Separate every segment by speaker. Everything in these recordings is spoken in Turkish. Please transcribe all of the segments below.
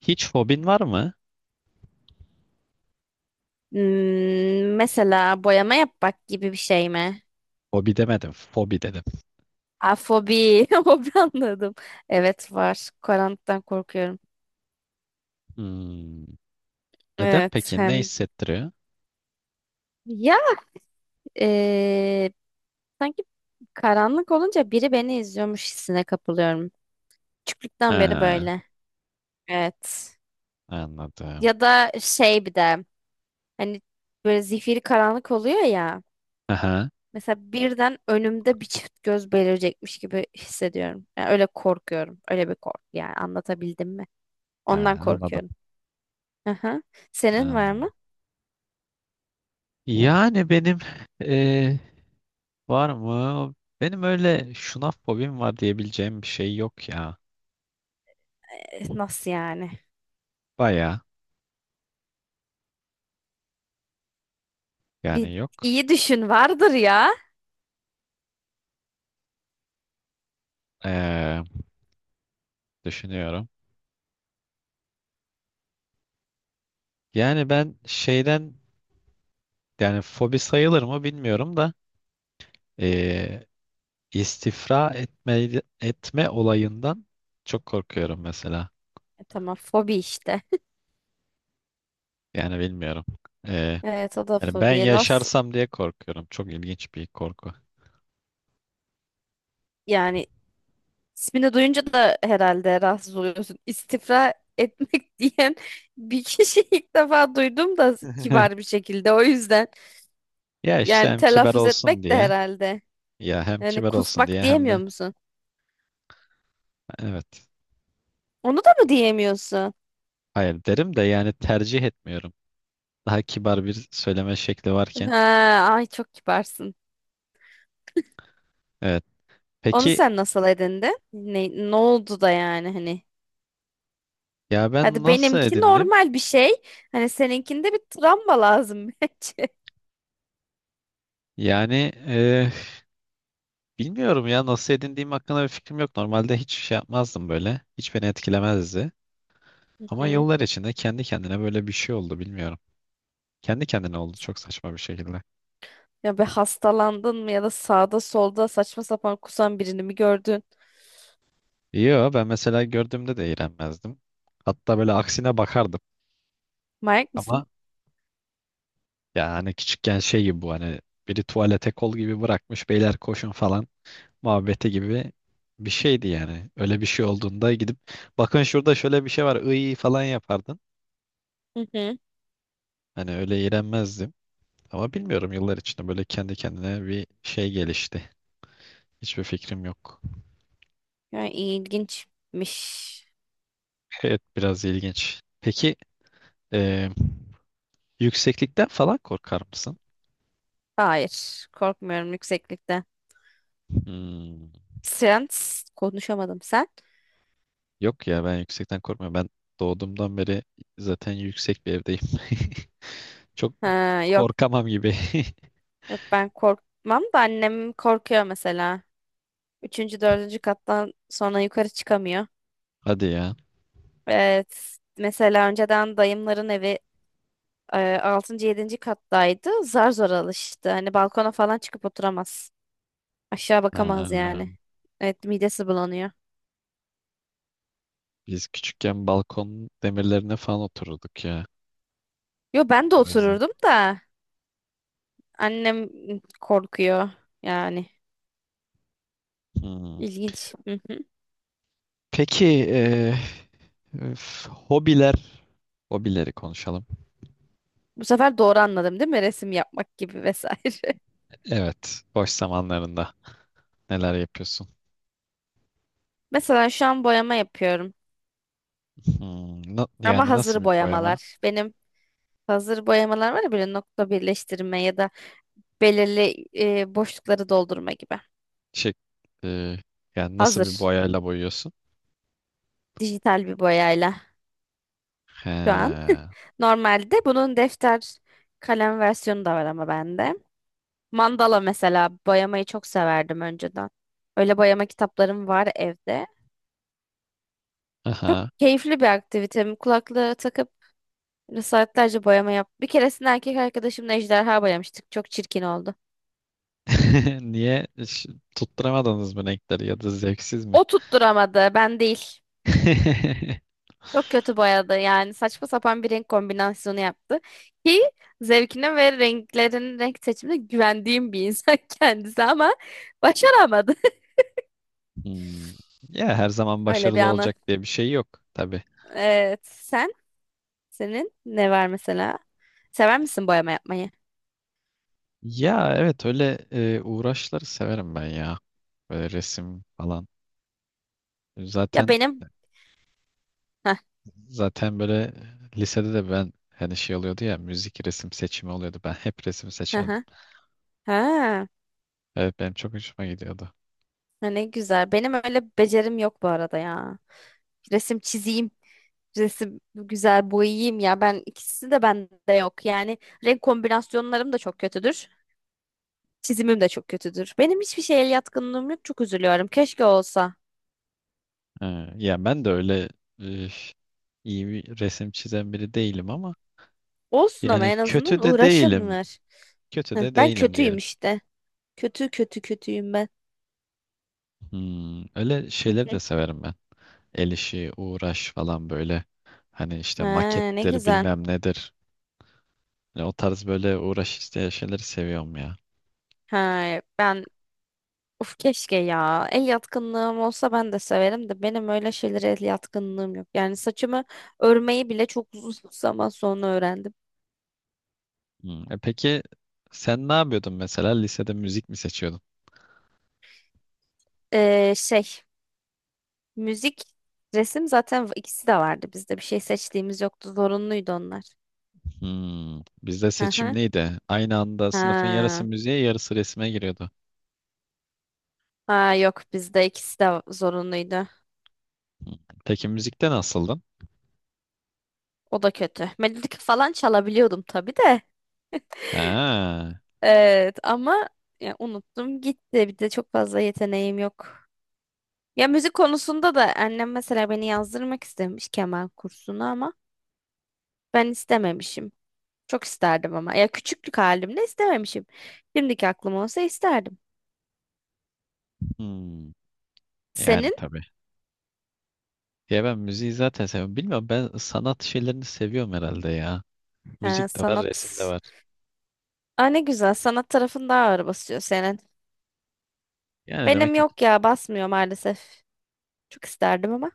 Speaker 1: Hiç fobin var mı?
Speaker 2: Mesela boyama yapmak gibi bir şey mi?
Speaker 1: Fobi demedim, fobi dedim.
Speaker 2: Afobi. Hobi anladım. Evet var. Karanlıktan korkuyorum.
Speaker 1: Hmm, Neden
Speaker 2: Evet
Speaker 1: peki? Ne
Speaker 2: hem
Speaker 1: hissettiriyor?
Speaker 2: ya eee, sanki karanlık olunca biri beni izliyormuş hissine kapılıyorum. Küçüklükten beri
Speaker 1: Ha,
Speaker 2: böyle. Evet.
Speaker 1: anladım.
Speaker 2: Ya da şey bir de hani böyle zifiri karanlık oluyor ya.
Speaker 1: Aha,
Speaker 2: Mesela birden önümde bir çift göz belirecekmiş gibi hissediyorum. Yani öyle korkuyorum. Öyle bir korku, yani anlatabildim mi?
Speaker 1: ha,
Speaker 2: Ondan
Speaker 1: anladım.
Speaker 2: korkuyorum. Aha. Senin var
Speaker 1: Hmm.
Speaker 2: mı?
Speaker 1: Yani benim eee, var mı? Benim öyle şuna fobim var diyebileceğim bir şey yok ya.
Speaker 2: E, nasıl yani?
Speaker 1: Baya
Speaker 2: Bir
Speaker 1: yani yok.
Speaker 2: iyi düşün vardır ya.
Speaker 1: Eee, düşünüyorum. Yani ben şeyden yani fobi sayılır mı bilmiyorum da eee, İstifra etme, etme olayından çok korkuyorum mesela.
Speaker 2: E, tamam fobi işte.
Speaker 1: Yani bilmiyorum. Ee,
Speaker 2: Evet o da
Speaker 1: yani ben
Speaker 2: fobi. Nasıl
Speaker 1: yaşarsam diye korkuyorum. Çok ilginç bir korku.
Speaker 2: yani, ismini duyunca da herhalde rahatsız oluyorsun. İstifra etmek diyen bir kişi, ilk defa duydum da, kibar bir şekilde o yüzden.
Speaker 1: Ya işte
Speaker 2: Yani
Speaker 1: hem kibar
Speaker 2: telaffuz
Speaker 1: olsun
Speaker 2: etmek de
Speaker 1: diye
Speaker 2: herhalde.
Speaker 1: ya hem
Speaker 2: Yani
Speaker 1: kibar olsun
Speaker 2: kusmak
Speaker 1: diye hem
Speaker 2: diyemiyor
Speaker 1: de
Speaker 2: musun?
Speaker 1: evet
Speaker 2: Onu da mı diyemiyorsun?
Speaker 1: hayır derim de yani tercih etmiyorum. Daha kibar bir söyleme şekli varken.
Speaker 2: Ha, ay çok kibarsın.
Speaker 1: Evet.
Speaker 2: Onu
Speaker 1: Peki
Speaker 2: sen nasıl edindin? Ne, ne oldu da yani hani?
Speaker 1: ya ben
Speaker 2: Hadi
Speaker 1: nasıl
Speaker 2: benimki
Speaker 1: edindim?
Speaker 2: normal bir şey. Hani seninkinde bir travma lazım bence.
Speaker 1: Yani eh, bilmiyorum ya nasıl edindiğim hakkında bir fikrim yok. Normalde hiç şey yapmazdım böyle. Hiç beni etkilemezdi.
Speaker 2: Hı
Speaker 1: Ama
Speaker 2: hı.
Speaker 1: yıllar içinde kendi kendine böyle bir şey oldu bilmiyorum. Kendi kendine oldu çok saçma bir şekilde.
Speaker 2: Ya be, hastalandın mı ya da sağda solda saçma sapan kusan birini mi gördün?
Speaker 1: Yo ben mesela gördüğümde de iğrenmezdim. Hatta böyle aksine bakardım.
Speaker 2: Manyak mısın?
Speaker 1: Ama ya hani küçükken şey gibi bu hani biri tuvalete kol gibi bırakmış beyler koşun falan muhabbeti gibi bir şeydi yani. Öyle bir şey olduğunda gidip bakın şurada şöyle bir şey var iyi falan yapardın.
Speaker 2: Hı hı.
Speaker 1: Hani öyle iğrenmezdim. Ama bilmiyorum yıllar içinde böyle kendi kendine bir şey gelişti. Hiçbir fikrim yok.
Speaker 2: Yani ilginçmiş.
Speaker 1: Evet, biraz ilginç. Peki, Ee, yükseklikten falan korkar mısın?
Speaker 2: Hayır. Korkmuyorum yükseklikten.
Speaker 1: Hmm,
Speaker 2: Sen konuşamadım, sen.
Speaker 1: Yok ya ben yüksekten korkmuyorum. Ben doğduğumdan beri zaten yüksek bir evdeyim. Çok
Speaker 2: Ha, yok.
Speaker 1: korkamam gibi.
Speaker 2: Yok, ben korkmam da annem korkuyor mesela. Üçüncü, dördüncü kattan sonra yukarı çıkamıyor.
Speaker 1: Hadi ya.
Speaker 2: Evet. Mesela önceden dayımların evi e, 6. 7. kattaydı. Zar zor alıştı. Hani balkona falan çıkıp oturamaz. Aşağı bakamaz
Speaker 1: Ha,
Speaker 2: yani. Evet, midesi bulanıyor.
Speaker 1: biz küçükken balkon demirlerine falan otururduk ya.
Speaker 2: Yo, ben de
Speaker 1: O yüzden.
Speaker 2: otururdum da annem korkuyor yani.
Speaker 1: Hmm.
Speaker 2: İlginç. Hı hı.
Speaker 1: Peki, üf, hobileri konuşalım.
Speaker 2: Bu sefer doğru anladım değil mi? Resim yapmak gibi vesaire.
Speaker 1: Evet, boş zamanlarında neler yapıyorsun?
Speaker 2: Mesela şu an boyama yapıyorum.
Speaker 1: Hmm, na-
Speaker 2: Ama
Speaker 1: yani nasıl
Speaker 2: hazır
Speaker 1: bir boyama?
Speaker 2: boyamalar. Benim hazır boyamalar var ya, böyle nokta birleştirme ya da belirli boşlukları doldurma gibi.
Speaker 1: Şey, e, yani nasıl bir
Speaker 2: Hazır.
Speaker 1: boyayla boyuyorsun?
Speaker 2: Dijital bir boyayla.
Speaker 1: He.
Speaker 2: Şu an. Normalde bunun defter kalem versiyonu da var ama bende. Mandala mesela boyamayı çok severdim önceden. Öyle boyama kitaplarım var evde.
Speaker 1: Aha.
Speaker 2: Çok keyifli bir aktivitem. Kulaklığı takıp saatlerce boyama yap. Bir keresinde erkek arkadaşımla ejderha boyamıştık. Çok çirkin oldu.
Speaker 1: Niye hiç tutturamadınız mı renkleri ya da zevksiz mi?
Speaker 2: O tutturamadı, ben değil. Çok kötü boyadı, yani saçma sapan bir renk kombinasyonu yaptı. Ki zevkine ve renklerin renk seçimine güvendiğim bir insan kendisi, ama başaramadı.
Speaker 1: Hmm. Ya her zaman
Speaker 2: Öyle bir
Speaker 1: başarılı
Speaker 2: anı.
Speaker 1: olacak diye bir şey yok tabii.
Speaker 2: Evet. Sen? Senin ne var mesela? Sever misin boyama yapmayı?
Speaker 1: Ya evet öyle uğraşları severim ben ya. Böyle resim falan.
Speaker 2: Ya
Speaker 1: Zaten
Speaker 2: benim... Heh,
Speaker 1: zaten böyle lisede de ben hani şey oluyordu ya müzik resim seçimi oluyordu. Ben hep resim
Speaker 2: hı
Speaker 1: seçerdim.
Speaker 2: hı. Ha,
Speaker 1: Evet, benim çok hoşuma gidiyordu.
Speaker 2: ha, ne güzel. Benim öyle becerim yok bu arada ya. Resim çizeyim. Resim güzel boyayayım ya. Ben, ikisi de bende yok. Yani renk kombinasyonlarım da çok kötüdür. Çizimim de çok kötüdür. Benim hiçbir şeye el yatkınlığım yok. Çok üzülüyorum. Keşke olsa.
Speaker 1: Ha, ya ben de öyle üf, iyi bir resim çizen biri değilim ama
Speaker 2: Olsun, ama
Speaker 1: yani
Speaker 2: en
Speaker 1: kötü
Speaker 2: azından
Speaker 1: de değilim.
Speaker 2: uğraşınlar.
Speaker 1: Kötü
Speaker 2: Heh,
Speaker 1: de
Speaker 2: ben
Speaker 1: değilim
Speaker 2: kötüyüm
Speaker 1: diyelim.
Speaker 2: işte. Kötü kötü kötüyüm ben.
Speaker 1: Öyle şeyleri de severim ben. El işi, uğraş falan böyle. Hani işte
Speaker 2: Ha, ne
Speaker 1: makettir
Speaker 2: güzel.
Speaker 1: bilmem nedir. Yani o tarz böyle uğraş isteyen şeyleri seviyorum ya.
Speaker 2: Ha, ben uf keşke ya. El yatkınlığım olsa ben de severim de benim öyle şeylere el yatkınlığım yok. Yani saçımı örmeyi bile çok uzun zaman sonra öğrendim.
Speaker 1: Peki sen ne yapıyordun mesela? Lisede müzik mi seçiyordun?
Speaker 2: Şey, müzik, resim zaten ikisi de vardı bizde. Bir şey seçtiğimiz yoktu. Zorunluydu onlar.
Speaker 1: Bizde
Speaker 2: Hı
Speaker 1: seçim
Speaker 2: hı.
Speaker 1: neydi? Aynı anda sınıfın yarısı
Speaker 2: Ha.
Speaker 1: müziğe, yarısı resme giriyordu.
Speaker 2: Ha, yok, bizde ikisi de zorunluydu.
Speaker 1: Hmm, Peki müzikte nasıldın?
Speaker 2: O da kötü. Melodik falan çalabiliyordum tabii de.
Speaker 1: Ha.
Speaker 2: Evet ama ya, unuttum gitti. Bir de çok fazla yeteneğim yok. Ya müzik konusunda da annem mesela beni yazdırmak istemiş keman kursuna, ama ben istememişim. Çok isterdim ama. Ya küçüklük halimde istememişim. Şimdiki aklım olsa isterdim.
Speaker 1: hmm, Yani
Speaker 2: Senin
Speaker 1: tabii. Ya ben müziği zaten seviyorum. Bilmiyorum ben sanat şeylerini seviyorum herhalde ya.
Speaker 2: Ha,
Speaker 1: Müzik de var,
Speaker 2: sanat.
Speaker 1: resim de var.
Speaker 2: Aa, ne güzel, sanat tarafın daha ağır basıyor senin.
Speaker 1: Yani demek
Speaker 2: Benim
Speaker 1: ki.
Speaker 2: yok ya, basmıyor maalesef. Çok isterdim ama.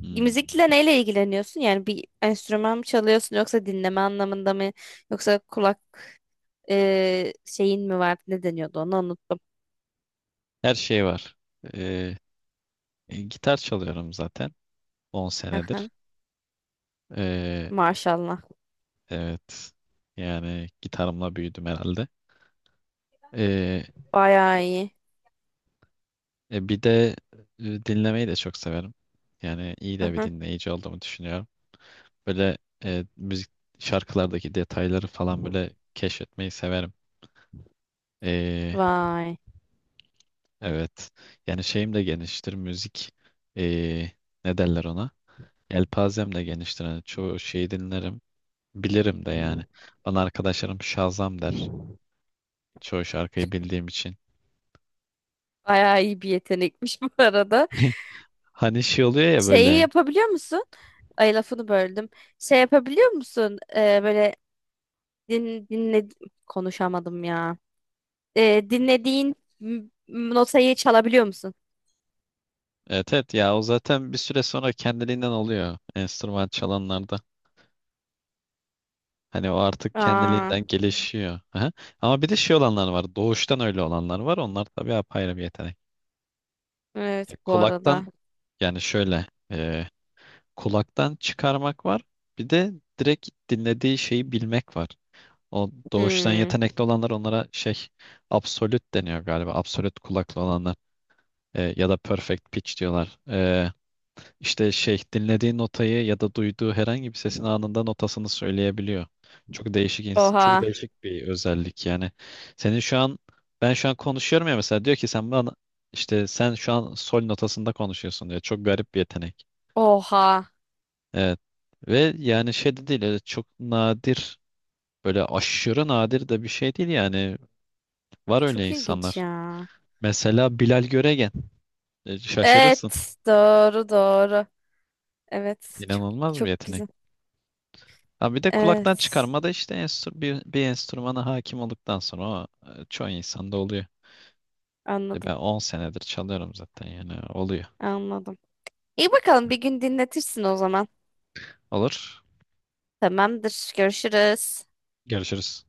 Speaker 1: Hmm.
Speaker 2: Müzikle neyle ilgileniyorsun? Yani bir enstrüman mı çalıyorsun, yoksa dinleme anlamında mı? Yoksa kulak şeyin mi var? Ne deniyordu, onu unuttum.
Speaker 1: Her şey var. Ee, Gitar çalıyorum zaten 10 senedir.
Speaker 2: Aha,
Speaker 1: Ee,
Speaker 2: maşallah.
Speaker 1: evet. Yani gitarımla büyüdüm herhalde. Ee,
Speaker 2: Bayağı iyi.
Speaker 1: Bir de dinlemeyi de çok severim. Yani iyi de bir
Speaker 2: Aha.
Speaker 1: dinleyici olduğumu düşünüyorum. Böyle müzik şarkılardaki detayları falan böyle keşfetmeyi severim. Ee,
Speaker 2: Vay.
Speaker 1: evet. Yani şeyim de geniştir. Müzik e, ne derler ona? Elpazem de geniştir. Yani çoğu şeyi dinlerim. Bilirim de yani. Bana arkadaşlarım Şazam der. Çoğu şarkıyı bildiğim için.
Speaker 2: Bayağı iyi bir yetenekmiş bu arada.
Speaker 1: Hani şey oluyor ya
Speaker 2: Şeyi
Speaker 1: böyle.
Speaker 2: yapabiliyor musun? Ay, lafını böldüm. Şey yapabiliyor musun? Böyle din, dinle konuşamadım ya. Dinlediğin notayı çalabiliyor musun?
Speaker 1: Evet, evet ya o zaten bir süre sonra kendiliğinden oluyor. Enstrüman çalanlarda. Hani o artık
Speaker 2: Aa,
Speaker 1: kendiliğinden gelişiyor. Aha. Ama bir de şey olanlar var. Doğuştan öyle olanlar var. Onlar tabii apayrı bir yetenek.
Speaker 2: evet bu
Speaker 1: Kulaktan
Speaker 2: arada.
Speaker 1: yani şöyle. e, Kulaktan çıkarmak var. Bir de direkt dinlediği şeyi bilmek var. O doğuştan
Speaker 2: Hmm.
Speaker 1: yetenekli olanlar onlara şey absolut deniyor galiba. Absolut kulaklı olanlar, ya da perfect pitch diyorlar. İşte şey dinlediği notayı ya da duyduğu herhangi bir sesin anında notasını söyleyebiliyor. Çok değişik ins- çok
Speaker 2: Oha.
Speaker 1: değişik bir özellik yani. Senin şu an ben şu an konuşuyorum ya mesela, diyor ki sen bana işte sen şu an sol notasında konuşuyorsun diyor. Çok garip bir yetenek.
Speaker 2: Oha.
Speaker 1: Evet. Ve yani şey de değil, öyle çok nadir, böyle aşırı nadir de bir şey değil yani. Var öyle
Speaker 2: Çok ilginç
Speaker 1: insanlar.
Speaker 2: ya.
Speaker 1: Mesela Bilal Göregen. Şaşırırsın.
Speaker 2: Evet. Doğru doğru. Evet. Çok
Speaker 1: İnanılmaz bir
Speaker 2: çok
Speaker 1: yetenek.
Speaker 2: güzel.
Speaker 1: Ha bir de kulaktan
Speaker 2: Evet.
Speaker 1: çıkarma da işte bir enstrümana hakim olduktan sonra o çoğu insanda oluyor.
Speaker 2: Anladım.
Speaker 1: Ben 10 senedir çalıyorum zaten yani oluyor.
Speaker 2: Anladım. İyi bakalım, bir gün dinletirsin o zaman.
Speaker 1: Olur.
Speaker 2: Tamamdır. Görüşürüz.
Speaker 1: Görüşürüz.